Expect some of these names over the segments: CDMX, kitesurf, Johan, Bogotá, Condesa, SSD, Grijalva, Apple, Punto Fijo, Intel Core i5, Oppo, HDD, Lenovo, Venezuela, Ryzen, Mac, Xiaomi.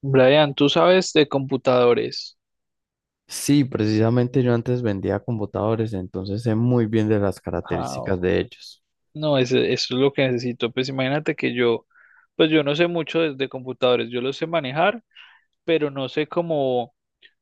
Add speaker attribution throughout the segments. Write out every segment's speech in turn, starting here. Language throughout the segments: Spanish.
Speaker 1: Brian, tú sabes de computadores.
Speaker 2: Sí, precisamente yo antes vendía computadores, entonces sé muy bien de las
Speaker 1: Ah,
Speaker 2: características de ellos.
Speaker 1: no, eso es lo que necesito. Pues imagínate que yo, pues yo no sé mucho de computadores, yo los sé manejar, pero no sé cómo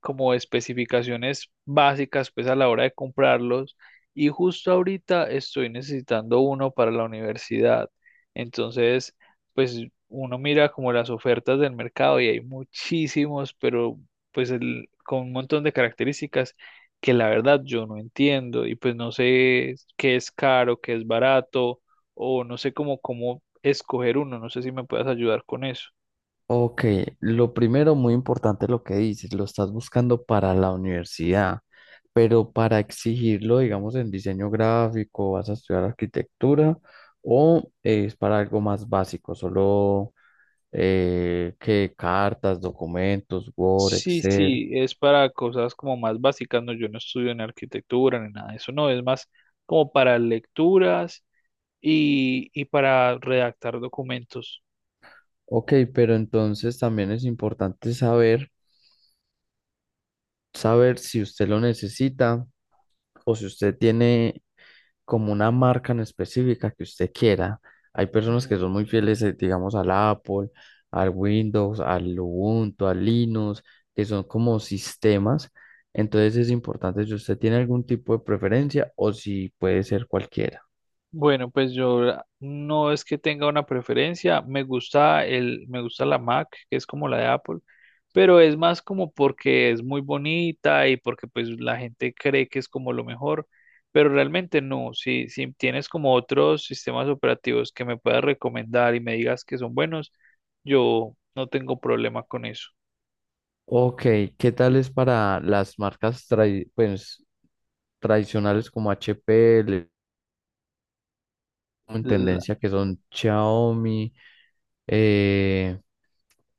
Speaker 1: como especificaciones básicas pues a la hora de comprarlos y justo ahorita estoy necesitando uno para la universidad. Entonces, pues uno mira como las ofertas del mercado y hay muchísimos, pero pues con un montón de características que la verdad yo no entiendo y pues no sé qué es caro, qué es barato o no sé cómo escoger uno, no sé si me puedes ayudar con eso.
Speaker 2: Ok, lo primero, muy importante lo que dices, lo estás buscando para la universidad, pero para exigirlo, digamos, en diseño gráfico, vas a estudiar arquitectura o es para algo más básico, solo que cartas, documentos, Word,
Speaker 1: Sí,
Speaker 2: Excel.
Speaker 1: sí, es para cosas como más básicas, no, yo no estudio en arquitectura ni nada de eso, no, es más como para lecturas y para redactar documentos.
Speaker 2: Ok, pero entonces también es importante saber, saber si usted lo necesita o si usted tiene como una marca en específica que usted quiera. Hay personas que son muy fieles, digamos, al Apple, al Windows, al Ubuntu, al Linux, que son como sistemas. Entonces es importante si usted tiene algún tipo de preferencia o si puede ser cualquiera.
Speaker 1: Bueno, pues no es que tenga una preferencia, me gusta la Mac, que es como la de Apple, pero es más como porque es muy bonita y porque pues la gente cree que es como lo mejor, pero realmente no, si tienes como otros sistemas operativos que me puedas recomendar y me digas que son buenos, yo no tengo problema con eso.
Speaker 2: Ok, ¿qué tal es para las marcas pues, tradicionales como HP, en tendencia que son Xiaomi? eh,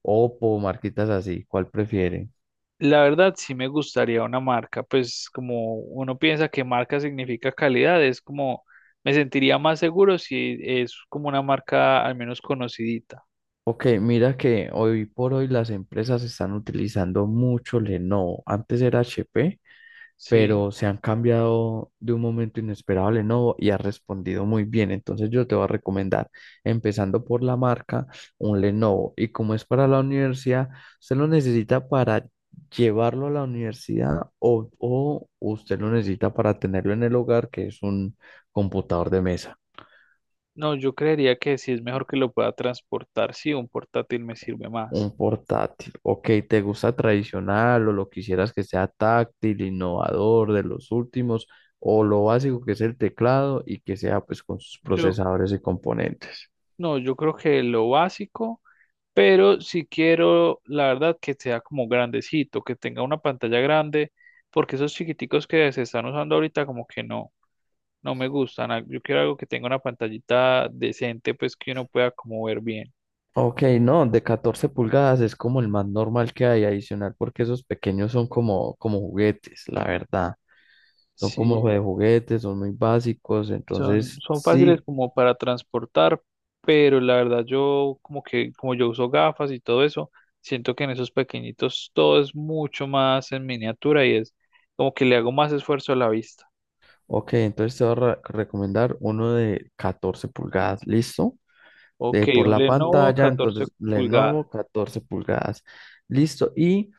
Speaker 2: Oppo, marquitas así, ¿cuál prefiere?
Speaker 1: La verdad, sí me gustaría una marca, pues como uno piensa que marca significa calidad, es como me sentiría más seguro si es como una marca al menos conocidita.
Speaker 2: Ok, mira que hoy por hoy las empresas están utilizando mucho Lenovo. Antes era HP,
Speaker 1: Sí,
Speaker 2: pero se han cambiado de un momento inesperado a Lenovo y ha respondido muy bien. Entonces yo te voy a recomendar, empezando por la marca, un Lenovo. Y como es para la universidad, usted lo necesita para llevarlo a la universidad o usted lo necesita para tenerlo en el hogar, que es un computador de mesa.
Speaker 1: no, yo creería que sí es mejor que lo pueda transportar, sí, un portátil me sirve más.
Speaker 2: Un portátil. Ok, ¿te gusta tradicional o lo quisieras que sea táctil, innovador, de los últimos, o lo básico que es el teclado y que sea pues con sus
Speaker 1: Yo,
Speaker 2: procesadores y componentes?
Speaker 1: no, yo creo que lo básico, pero si quiero, la verdad, que sea como grandecito, que tenga una pantalla grande, porque esos chiquiticos que se están usando ahorita como que no. No me gustan. Yo quiero algo que tenga una pantallita decente, pues que uno pueda como ver bien.
Speaker 2: Ok, no, de 14 pulgadas es como el más normal que hay adicional porque esos pequeños son como, como juguetes, la verdad. Son como
Speaker 1: Sí.
Speaker 2: de juguetes, son muy básicos,
Speaker 1: Son,
Speaker 2: entonces
Speaker 1: son fáciles
Speaker 2: sí.
Speaker 1: como para transportar, pero la verdad yo como que como yo uso gafas y todo eso, siento que en esos pequeñitos todo es mucho más en miniatura y es como que le hago más esfuerzo a la vista.
Speaker 2: Ok, entonces te voy a recomendar uno de 14 pulgadas, ¿listo? De
Speaker 1: Ok,
Speaker 2: por
Speaker 1: un
Speaker 2: la
Speaker 1: Lenovo
Speaker 2: pantalla,
Speaker 1: 14
Speaker 2: entonces
Speaker 1: pulgadas.
Speaker 2: Lenovo 14 pulgadas. Listo, y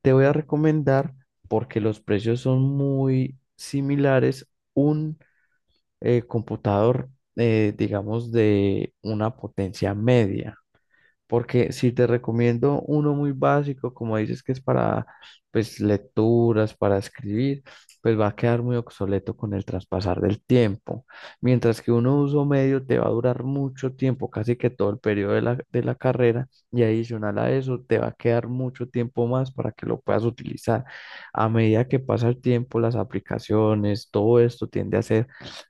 Speaker 2: te voy a recomendar, porque los precios son muy similares, un computador, digamos, de una potencia media. Porque si te recomiendo uno muy básico, como dices que es para pues lecturas, para escribir, pues va a quedar muy obsoleto con el traspasar del tiempo. Mientras que uno uso medio te va a durar mucho tiempo, casi que todo el periodo de la carrera, y adicional a eso te va a quedar mucho tiempo más para que lo puedas utilizar. A medida que pasa el tiempo, las aplicaciones, todo esto tiende a ser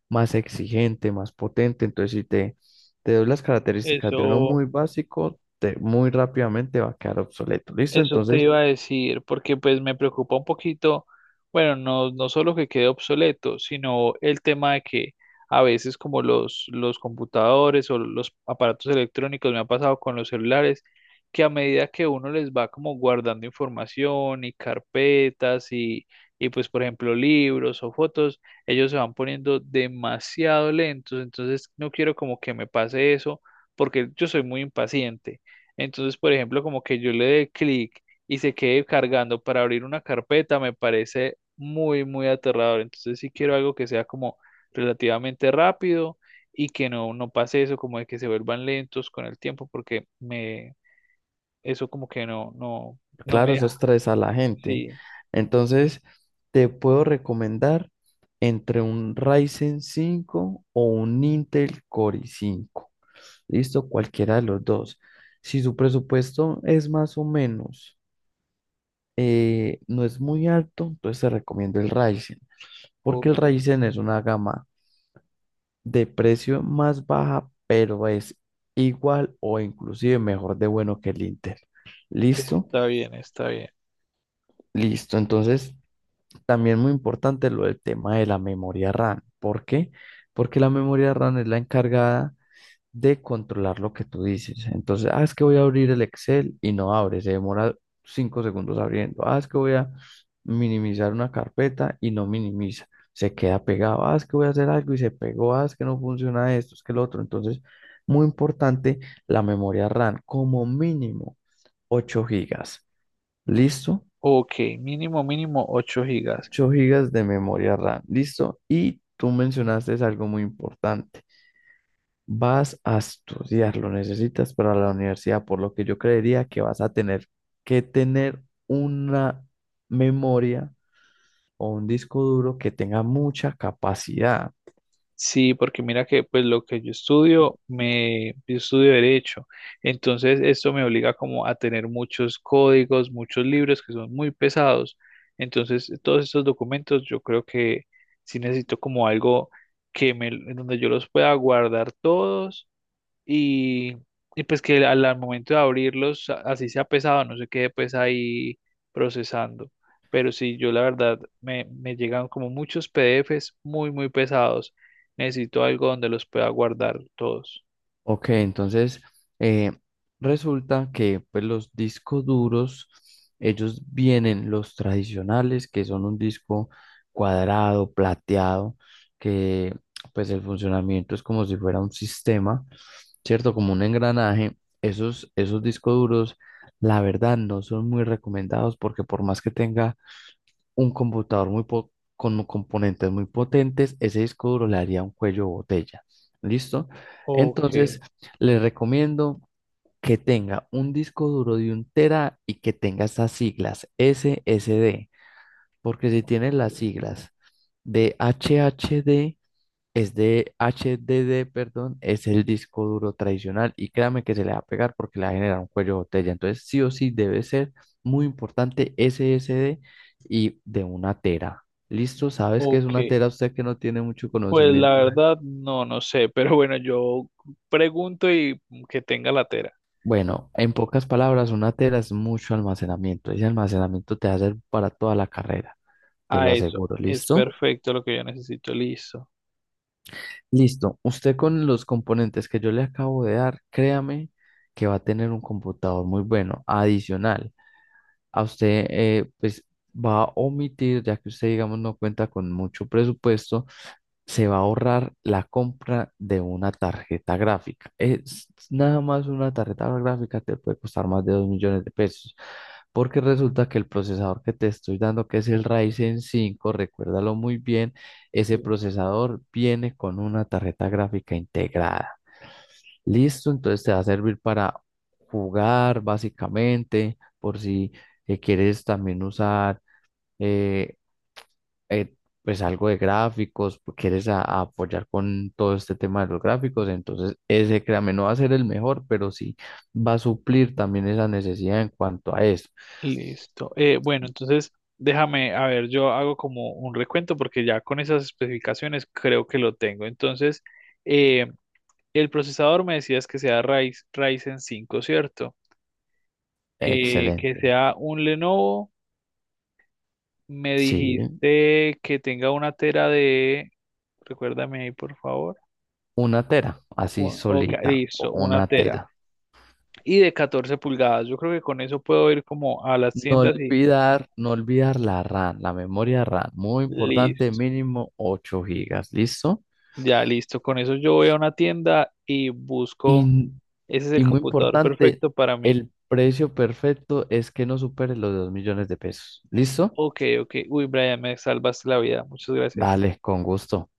Speaker 2: más exigente, más potente. Entonces, si te... te doy las características de uno
Speaker 1: Eso
Speaker 2: muy básico, muy rápidamente va a quedar obsoleto. ¿Listo?
Speaker 1: Eso te
Speaker 2: Entonces,
Speaker 1: iba a decir, porque pues me preocupa un poquito, bueno, no, no solo que quede obsoleto, sino el tema de que a veces como los computadores o los aparatos electrónicos, me ha pasado con los celulares, que a medida que uno les va como guardando información y carpetas y pues por ejemplo libros o fotos, ellos se van poniendo demasiado lentos, entonces no quiero como que me pase eso, porque yo soy muy impaciente. Entonces, por ejemplo, como que yo le dé clic y se quede cargando para abrir una carpeta, me parece muy, muy aterrador. Entonces, sí quiero algo que sea como relativamente rápido y que no, no pase eso, como de que se vuelvan lentos con el tiempo, porque eso como que no, no, no me
Speaker 2: claro, eso
Speaker 1: deja.
Speaker 2: estresa a la gente.
Speaker 1: Sí,
Speaker 2: Entonces, te puedo recomendar entre un Ryzen cinco o un Intel Core i5. ¿Listo? Cualquiera de los dos. Si su presupuesto es más o menos, no es muy alto, entonces te recomiendo el Ryzen, porque el
Speaker 1: ok,
Speaker 2: Ryzen es una gama de precio más baja, pero es igual o inclusive mejor de bueno que el Intel. ¿Listo?
Speaker 1: está bien, está bien.
Speaker 2: Listo. Entonces, también muy importante lo del tema de la memoria RAM. ¿Por qué? Porque la memoria RAM es la encargada de controlar lo que tú dices. Entonces, ah, es que voy a abrir el Excel y no abre, se demora cinco segundos abriendo. Ah, es que voy a minimizar una carpeta y no minimiza, se queda pegado. Ah, es que voy a hacer algo y se pegó. Ah, es que no funciona esto, es que el otro. Entonces, muy importante la memoria RAM, como mínimo 8 gigas. ¿Listo?
Speaker 1: Ok, mínimo, mínimo 8 GB.
Speaker 2: Ocho gigas de memoria RAM. ¿Listo? Y tú mencionaste es algo muy importante. Vas a estudiar, lo necesitas para la universidad, por lo que yo creería que vas a tener que tener una memoria o un disco duro que tenga mucha capacidad.
Speaker 1: Sí, porque mira que pues lo que yo estudio, yo estudio derecho, entonces esto me obliga como a tener muchos códigos, muchos libros que son muy pesados, entonces todos estos documentos yo creo que sí necesito como algo que en donde yo los pueda guardar todos y, y pues que al momento de abrirlos, así sea pesado, no se quede pues ahí procesando. Pero sí, yo la verdad me llegan como muchos PDFs muy, muy pesados. Necesito algo donde los pueda guardar todos.
Speaker 2: Ok, entonces eh, resulta que pues, los discos duros, ellos vienen los tradicionales, que son un disco cuadrado, plateado, que pues el funcionamiento es como si fuera un sistema, ¿cierto? Como un engranaje. Esos discos duros, la verdad, no son muy recomendados porque por más que tenga un computador muy con componentes muy potentes, ese disco duro le haría un cuello de botella. ¿Listo?
Speaker 1: Ok,
Speaker 2: Entonces, les recomiendo que tenga un disco duro de un tera y que tenga estas siglas SSD, porque si tiene las siglas de HHD, es de H D D perdón, es el disco duro tradicional y créame que se le va a pegar porque le va a generar un cuello de botella. Entonces, sí o sí debe ser muy importante S S D y de una tera. ¿Listo? ¿Sabes qué es
Speaker 1: ok.
Speaker 2: una tera? Usted que no tiene mucho
Speaker 1: Pues la
Speaker 2: conocimiento.
Speaker 1: verdad no, no sé, pero bueno, yo pregunto y que tenga la tela.
Speaker 2: Bueno, en pocas palabras, una tera es mucho almacenamiento. Ese almacenamiento te va a hacer para toda la carrera, te
Speaker 1: A
Speaker 2: lo
Speaker 1: eso,
Speaker 2: aseguro.
Speaker 1: es
Speaker 2: ¿Listo?
Speaker 1: perfecto lo que yo necesito, listo.
Speaker 2: Listo. Usted con los componentes que yo le acabo de dar, créame que va a tener un computador muy bueno. Adicional, a usted pues va a omitir, ya que usted digamos no cuenta con mucho presupuesto, se va a ahorrar la compra de una tarjeta gráfica. Es nada más una tarjeta gráfica te puede costar más de 2 millones de pesos. Porque resulta que el procesador que te estoy dando, que es el Ryzen cinco, recuérdalo muy bien, ese
Speaker 1: Sí.
Speaker 2: procesador viene con una tarjeta gráfica integrada. Listo, entonces te va a servir para jugar básicamente, por si quieres también usar eh, eh, pues algo de gráficos, pues, quieres a apoyar con todo este tema de los gráficos, entonces ese créame no va a ser el mejor, pero sí va a suplir también esa necesidad en cuanto a eso.
Speaker 1: Listo. Bueno, entonces déjame, a ver, yo hago como un recuento porque ya con esas especificaciones creo que lo tengo. Entonces, eh, el procesador me decías que sea Ryzen 5, ¿cierto? Que
Speaker 2: Excelente.
Speaker 1: sea un Lenovo. Me
Speaker 2: Sí,
Speaker 1: dijiste que tenga una tera de, recuérdame ahí, por favor.
Speaker 2: una tera, así
Speaker 1: Ok,
Speaker 2: solita,
Speaker 1: listo, una
Speaker 2: una
Speaker 1: tera.
Speaker 2: tera.
Speaker 1: Y de 14 pulgadas. Yo creo que con eso puedo ir como a las
Speaker 2: No
Speaker 1: tiendas y
Speaker 2: olvidar, no olvidar la RAM, la memoria RAM. Muy importante,
Speaker 1: listo.
Speaker 2: mínimo 8 gigas, ¿listo?
Speaker 1: Ya listo, con eso yo voy a una tienda y busco,
Speaker 2: Y,
Speaker 1: ese es
Speaker 2: y
Speaker 1: el
Speaker 2: muy
Speaker 1: computador
Speaker 2: importante,
Speaker 1: perfecto para mí.
Speaker 2: el precio perfecto es que no supere los 2 millones de pesos. ¿Listo?
Speaker 1: Ok, ok. Uy, Brian, me salvas la vida. Muchas gracias.
Speaker 2: Dale, con gusto.